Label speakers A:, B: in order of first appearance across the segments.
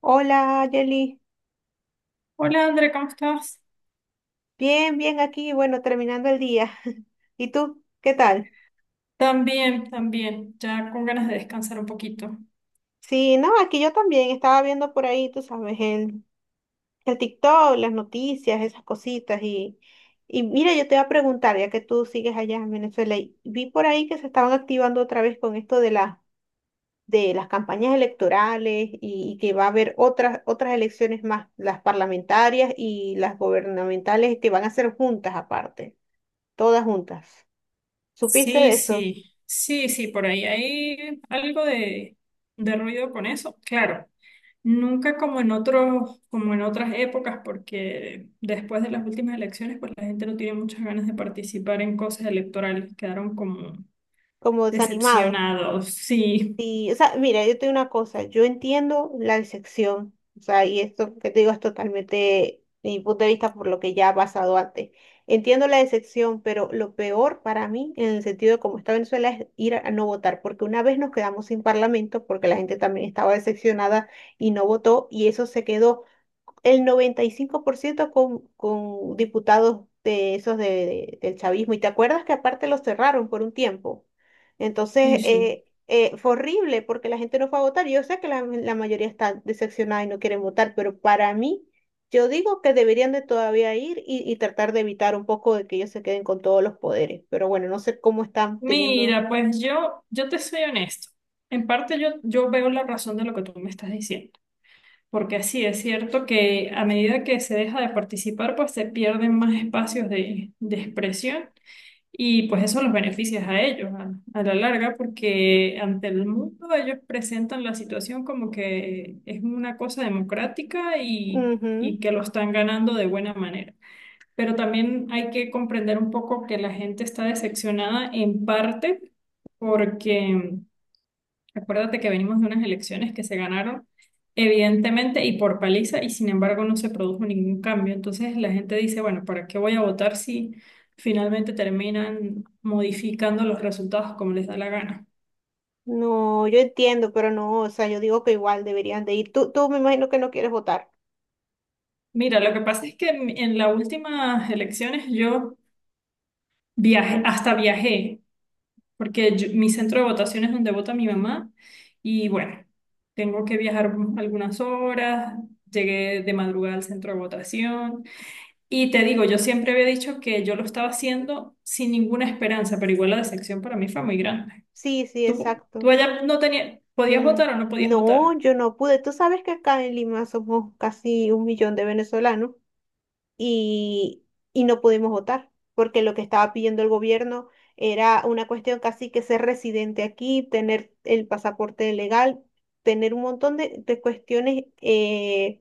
A: Hola, Yeli.
B: Hola André, ¿cómo estás?
A: Bien, bien aquí, bueno, terminando el día. ¿Y tú? ¿Qué tal?
B: También, también, ya con ganas de descansar un poquito.
A: Sí, no, aquí yo también estaba viendo por ahí, tú sabes, el TikTok, las noticias, esas cositas. Y mira, yo te voy a preguntar, ya que tú sigues allá en Venezuela, y vi por ahí que se estaban activando otra vez con esto de las campañas electorales y que va a haber otras elecciones más, las parlamentarias y las gubernamentales que van a ser juntas aparte, todas juntas. ¿Supiste
B: Sí,
A: de eso?
B: sí, sí, sí, por ahí hay algo de ruido con eso. Claro, nunca como en otros, como en otras épocas, porque después de las últimas elecciones, pues la gente no tiene muchas ganas de participar en cosas electorales, quedaron como
A: Como desanimado.
B: decepcionados. Sí,
A: Y, o sea, mira, yo te una cosa, yo entiendo la decepción, o sea, y esto que te digo es totalmente de mi punto de vista por lo que ya ha pasado antes. Entiendo la decepción, pero lo peor para mí, en el sentido de cómo está Venezuela, es ir a no votar, porque una vez nos quedamos sin parlamento, porque la gente también estaba decepcionada y no votó, y eso se quedó el 95% con diputados de esos del chavismo. Y te acuerdas que aparte los cerraron por un tiempo.
B: sí,
A: Entonces,
B: sí.
A: fue horrible porque la gente no fue a votar. Yo sé que la mayoría está decepcionada y no quieren votar, pero para mí, yo digo que deberían de todavía ir y tratar de evitar un poco de que ellos se queden con todos los poderes. Pero bueno, no sé cómo están teniendo.
B: Mira, pues yo te soy honesto. En parte yo veo la razón de lo que tú me estás diciendo. Porque sí, es cierto que a medida que se deja de participar, pues se pierden más espacios de expresión y pues eso los beneficia a ellos a la larga, porque ante el mundo ellos presentan la situación como que es una cosa democrática
A: Ujú.
B: y que lo están ganando de buena manera. Pero también hay que comprender un poco que la gente está decepcionada en parte porque... Acuérdate que venimos de unas elecciones que se ganaron evidentemente y por paliza, y sin embargo no se produjo ningún cambio. Entonces la gente dice, bueno, ¿para qué voy a votar si finalmente terminan modificando los resultados como les da la gana?
A: No, yo entiendo, pero no, o sea, yo digo que igual deberían de ir. Tú me imagino que no quieres votar.
B: Mira, lo que pasa es que en las últimas elecciones yo viajé,
A: Mm.
B: hasta viajé, porque mi centro de votación es donde vota mi mamá y bueno, tengo que viajar algunas horas, llegué de madrugada al centro de votación. Y te digo, yo siempre había dicho que yo lo estaba haciendo sin ninguna esperanza, pero igual la decepción para mí fue muy grande.
A: Sí, sí,
B: Tú
A: exacto.
B: allá no tenías, ¿podías
A: Mm.
B: votar o no podías
A: No,
B: votar?
A: yo no pude. Tú sabes que acá en Lima somos casi un millón de venezolanos y, y no pudimos votar porque lo que estaba pidiendo el gobierno era una cuestión casi que ser residente aquí, tener el pasaporte legal, tener un montón de cuestiones eh,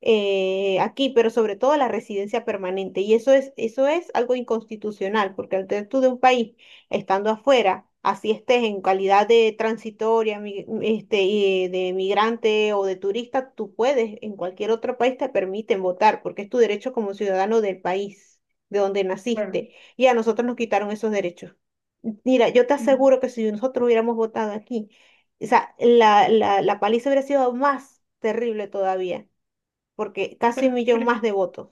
A: eh, aquí, pero sobre todo la residencia permanente. Y eso es algo inconstitucional, porque al ser tú de un país estando afuera, así estés en calidad de transitoria, este, y de migrante o de turista, tú puedes, en cualquier otro país te permiten votar, porque es tu derecho como ciudadano del país de donde
B: Claro.
A: naciste. Y a nosotros nos quitaron esos derechos. Mira, yo te
B: Mm,
A: aseguro que si nosotros hubiéramos votado aquí, o sea, la, la paliza hubiera sido más terrible todavía porque casi
B: Pero,
A: un millón más de votos.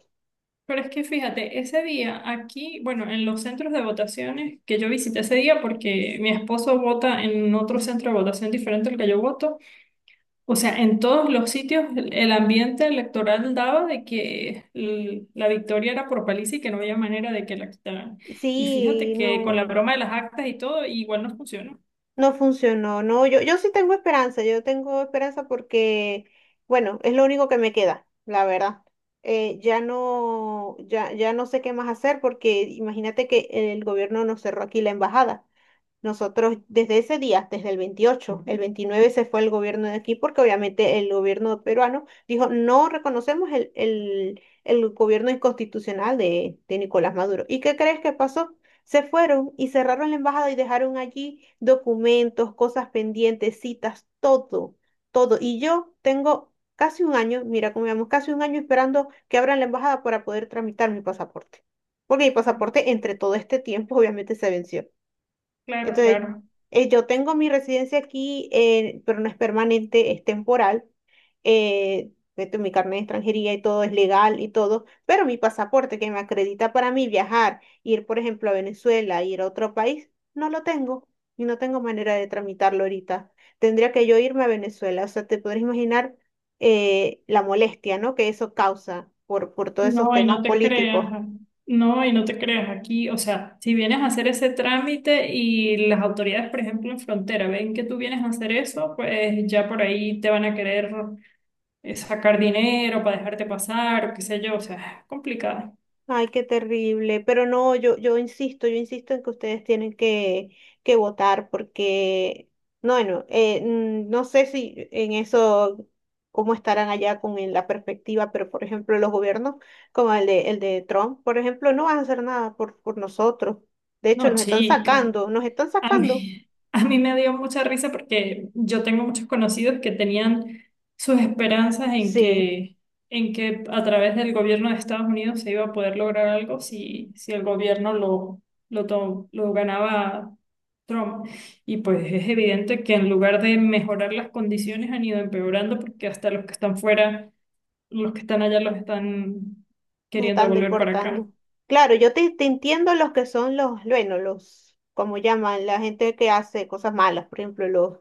B: pero es que fíjate, ese día aquí, bueno, en los centros de votaciones que yo visité ese día, porque mi esposo vota en otro centro de votación diferente al que yo voto. O sea, en todos los sitios el ambiente electoral daba de que la victoria era por paliza y que no había manera de que la quitaran. Y fíjate
A: Sí,
B: que con la
A: no,
B: broma de las actas y todo, igual no funcionó.
A: no funcionó, no, yo sí tengo esperanza, yo tengo esperanza porque, bueno, es lo único que me queda, la verdad. Ya no, ya no sé qué más hacer porque imagínate que el gobierno nos cerró aquí la embajada. Nosotros desde ese día, desde el 28, el 29 se fue el gobierno de aquí porque obviamente el gobierno peruano dijo no reconocemos el, el gobierno inconstitucional de Nicolás Maduro. ¿Y qué crees que pasó? Se fueron y cerraron la embajada y dejaron allí documentos, cosas pendientes, citas, todo, todo. Y yo tengo casi un año, mira cómo vamos, casi un año esperando que abran la embajada para poder tramitar mi pasaporte. Porque mi pasaporte entre todo este tiempo obviamente se venció.
B: Claro,
A: Entonces,
B: claro.
A: yo tengo mi residencia aquí, pero no es permanente, es temporal. Esto, mi carnet de extranjería y todo es legal y todo, pero mi pasaporte que me acredita para mí viajar, ir, por ejemplo, a Venezuela, ir a otro país, no lo tengo y no tengo manera de tramitarlo ahorita. Tendría que yo irme a Venezuela, o sea, te podrás imaginar la molestia, ¿no?, que eso causa por todos esos
B: No, y
A: temas
B: no te creas.
A: políticos.
B: No, y no te creas aquí. O sea, si vienes a hacer ese trámite y las autoridades, por ejemplo, en frontera, ven que tú vienes a hacer eso, pues ya por ahí te van a querer sacar dinero para dejarte pasar, o qué sé yo. O sea, es complicado.
A: Ay, qué terrible. Pero no, yo, yo insisto en que ustedes tienen que votar porque, no, bueno, no sé si en eso, cómo estarán allá con la perspectiva, pero por ejemplo, los gobiernos como el de Trump, por ejemplo, no van a hacer nada por nosotros. De hecho,
B: No,
A: nos están
B: chica.
A: sacando, nos están
B: A
A: sacando.
B: mí, a mí me dio mucha risa porque yo tengo muchos conocidos que tenían sus esperanzas
A: Sí,
B: en que a través del gobierno de Estados Unidos se iba a poder lograr algo si, si el gobierno lo ganaba Trump. Y pues es evidente que en lugar de mejorar las condiciones han ido empeorando porque hasta los que están fuera, los que están allá los están
A: nos
B: queriendo
A: están
B: devolver para acá.
A: deportando. Claro, yo te, te entiendo los que son los, bueno, los, como llaman, la gente que hace cosas malas, por ejemplo, los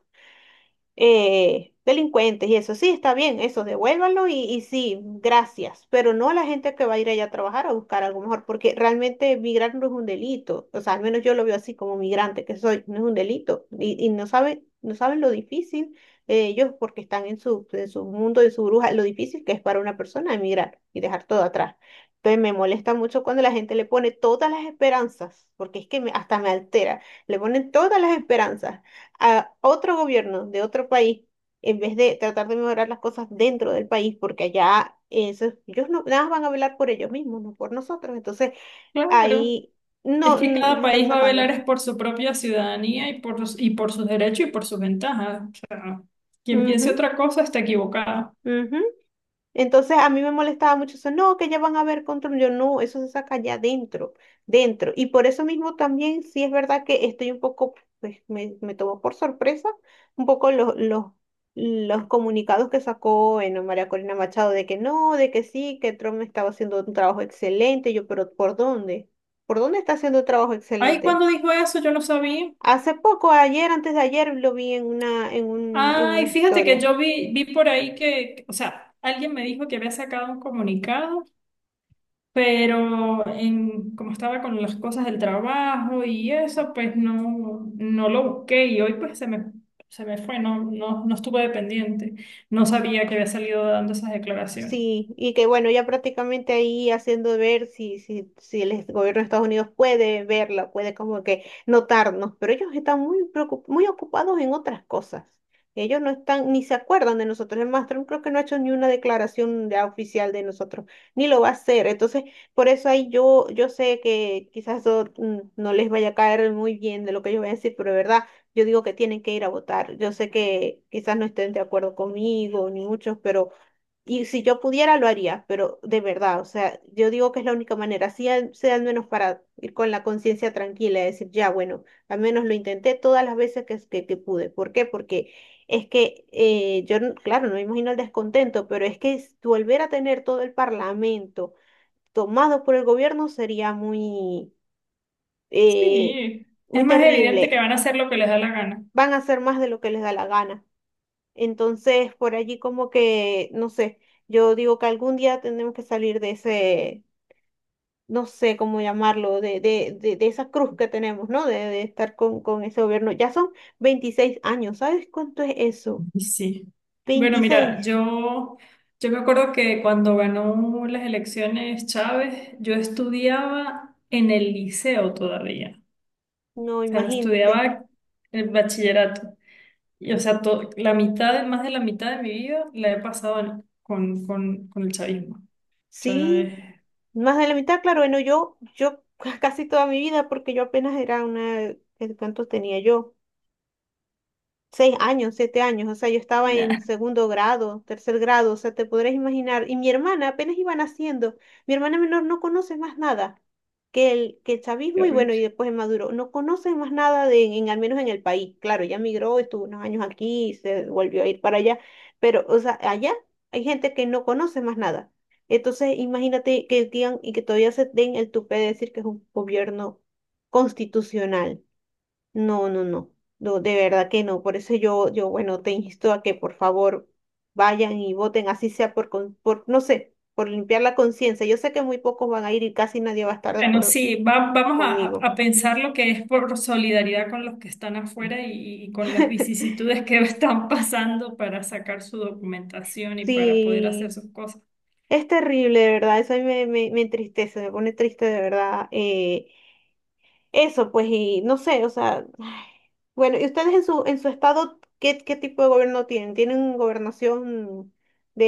A: delincuentes y eso. Sí, está bien, eso, devuélvanlo y sí, gracias, pero no a la gente que va a ir allá a trabajar a buscar algo mejor, porque realmente migrar no es un delito, o sea, al menos yo lo veo así como migrante que soy, no es un delito y no saben, no saben lo difícil ellos porque están en su mundo, en su bruja, lo difícil que es para una persona emigrar y dejar todo atrás. Entonces me molesta mucho cuando la gente le pone todas las esperanzas, porque es que hasta me altera, le ponen todas las esperanzas a otro gobierno de otro país en vez de tratar de mejorar las cosas dentro del país, porque allá ellos no, nada más van a velar por ellos mismos, no por nosotros. Entonces
B: Claro.
A: ahí
B: Es
A: no,
B: que
A: nos
B: cada
A: están
B: país va a velar
A: sacando.
B: es por su propia ciudadanía y por, y por sus derechos y por sus ventajas. O sea, quien
A: Ujú,
B: piense otra cosa está equivocado.
A: ujú. Entonces a mí me molestaba mucho eso, no, que ya van a ver control, yo no, eso se saca ya dentro, dentro. Y por eso mismo también sí es verdad que estoy un poco, pues me tomó por sorpresa un poco los, los comunicados que sacó, bueno, María Corina Machado, de que no, de que sí, que Trump estaba haciendo un trabajo excelente, yo, pero ¿por dónde? ¿Por dónde está haciendo un trabajo
B: Ay,
A: excelente?
B: ¿cuando dijo eso? Yo no sabía.
A: Hace poco, ayer, antes de ayer, lo vi en una, en una
B: Ay, fíjate que
A: historia.
B: yo vi por ahí que, o sea, alguien me dijo que había sacado un comunicado, pero en, como estaba con las cosas del trabajo y eso, pues no, no lo busqué y hoy pues se me fue, no, no, no estuve pendiente. No sabía que había salido dando esas declaraciones.
A: Sí, y que bueno, ya prácticamente ahí haciendo ver si, si el gobierno de Estados Unidos puede verla, puede como que notarnos, pero ellos están muy ocupados en otras cosas. Ellos no están, ni se acuerdan de nosotros. El más, Trump creo que no ha hecho ni una declaración ya oficial de nosotros, ni lo va a hacer. Entonces, por eso ahí yo, yo sé que quizás eso, no les vaya a caer muy bien de lo que ellos van a decir, pero de verdad, yo digo que tienen que ir a votar. Yo sé que quizás no estén de acuerdo conmigo, ni muchos, pero, y si yo pudiera, lo haría, pero de verdad, o sea, yo digo que es la única manera, así sea al menos para ir con la conciencia tranquila y decir, ya, bueno, al menos lo intenté todas las veces que pude. ¿Por qué? Porque es que yo, claro, no me imagino el descontento, pero es que volver a tener todo el parlamento tomado por el gobierno sería eh,
B: Sí,
A: muy
B: es más evidente que
A: terrible.
B: van a hacer lo que les da la gana.
A: Van a hacer más de lo que les da la gana. Entonces, por allí como que, no sé, yo digo que algún día tenemos que salir de ese, no sé cómo llamarlo, de esa cruz que tenemos, ¿no? De estar con ese gobierno. Ya son 26 años, ¿sabes cuánto es eso?
B: Y sí. Bueno, mira,
A: 26.
B: yo me acuerdo que cuando ganó las elecciones Chávez, yo estudiaba en el liceo todavía.
A: No,
B: O sea,
A: imagínate.
B: estudiaba el bachillerato. Y, o sea, la mitad, más de la mitad de mi vida la he pasado con, con el chavismo. O sea,
A: Sí,
B: es,
A: más de la mitad, claro, bueno, yo casi toda mi vida, porque yo apenas era una, ¿cuántos tenía yo? 6 años, 7 años, o sea, yo estaba en
B: nah,
A: segundo grado, tercer grado, o sea, te podrás imaginar. Y mi hermana apenas iba naciendo, mi hermana menor no conoce más nada que el, que el
B: qué
A: chavismo y
B: horrible.
A: bueno, y después el Maduro, no conoce más nada al menos en el país. Claro, ya migró, estuvo unos años aquí, se volvió a ir para allá, pero, o sea, allá hay gente que no conoce más nada. Entonces, imagínate que digan y que todavía se den el tupé de decir que es un gobierno constitucional. No, no, no, no, de verdad que no. Por eso yo, bueno, te insto a que por favor vayan y voten, así sea por, no sé, por limpiar la conciencia. Yo sé que muy pocos van a ir y casi nadie va a estar de
B: Bueno,
A: acuerdo
B: sí, vamos a,
A: conmigo.
B: a pensar lo que es por solidaridad con los que están afuera y con las vicisitudes que están pasando para sacar su documentación y para poder hacer
A: Sí,
B: sus cosas.
A: es terrible, de verdad, eso a mí me, me entristece, me pone triste de verdad. Eso, pues, y no sé, o sea, ay. Bueno, ¿y ustedes en su estado qué tipo de gobierno tienen? ¿Tienen gobernación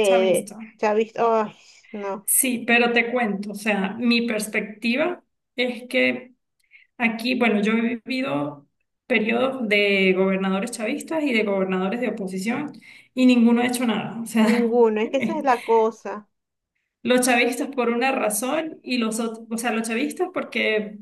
B: Se ha visto.
A: chavista? Ay, no.
B: Sí, pero te cuento, o sea, mi perspectiva es que aquí, bueno, yo he vivido periodos de gobernadores chavistas y de gobernadores de oposición y ninguno ha hecho nada. O sea,
A: Ninguno, es que esa es la cosa.
B: los chavistas por una razón y los otros, o sea, los chavistas porque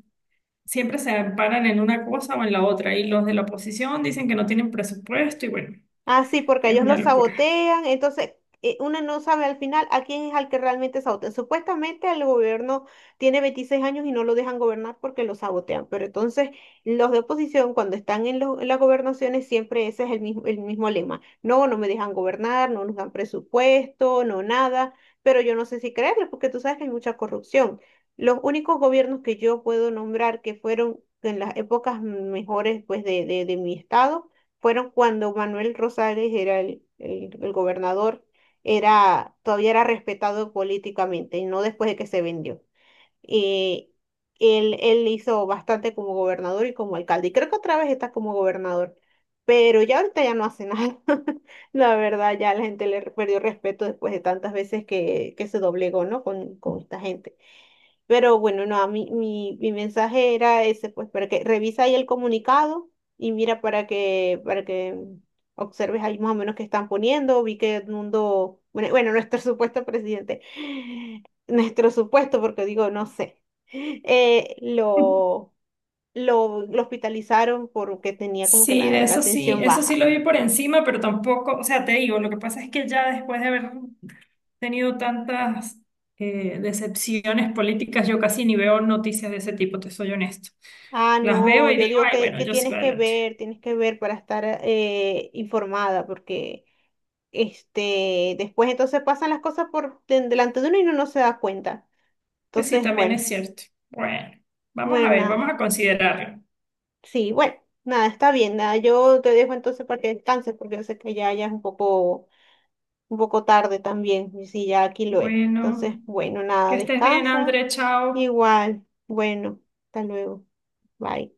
B: siempre se amparan en una cosa o en la otra. Y los de la oposición dicen que no tienen presupuesto y bueno,
A: Ah, sí, porque
B: es
A: ellos lo
B: una locura.
A: sabotean, entonces uno no sabe al final a quién es al que realmente sabotean. Supuestamente el gobierno tiene 26 años y no lo dejan gobernar porque lo sabotean, pero entonces los de oposición cuando están en las gobernaciones siempre ese es el mismo lema. No, no me dejan gobernar, no nos dan presupuesto, no nada, pero yo no sé si creerles porque tú sabes que hay mucha corrupción. Los únicos gobiernos que yo puedo nombrar que fueron en las épocas mejores pues de mi estado fueron cuando Manuel Rosales era el gobernador, era, todavía era respetado políticamente, y no después de que se vendió. Eh, él hizo bastante como gobernador y como alcalde, y creo que otra vez está como gobernador, pero ya ahorita ya no hace nada. La verdad, ya la gente le perdió respeto después de tantas veces que se doblegó, ¿no? Con esta gente. Pero bueno, no, a mí, mi mensaje era ese, pues, para que revisa ahí el comunicado y mira para que observes ahí más o menos qué están poniendo. Vi que Edmundo, bueno, bueno, nuestro supuesto presidente, nuestro supuesto, porque digo, no sé, eh, lo, lo hospitalizaron porque tenía como que
B: Sí, de
A: la tensión
B: eso sí
A: baja.
B: lo vi por encima, pero tampoco, o sea, te digo, lo que pasa es que ya después de haber tenido tantas decepciones políticas, yo casi ni veo noticias de ese tipo, te soy honesto.
A: Ah,
B: Las veo
A: no,
B: y
A: yo
B: digo,
A: digo
B: ay,
A: que,
B: bueno,
A: que
B: yo sigo adelante.
A: tienes que ver para estar, informada, porque. Este, después entonces pasan las cosas por delante de uno y uno no se da cuenta.
B: Pues sí,
A: Entonces,
B: también
A: bueno,
B: es cierto. Bueno, vamos
A: bueno,
B: a ver, vamos
A: nada.
B: a considerarlo.
A: Sí, bueno, nada, está bien, nada. Yo te dejo entonces para que descanses, porque yo sé que ya, ya es un poco tarde también, y sí, ya aquí lo es. Entonces,
B: Bueno,
A: bueno, nada,
B: que estés bien,
A: descansa.
B: André, chao.
A: Igual, bueno, hasta luego. Bye.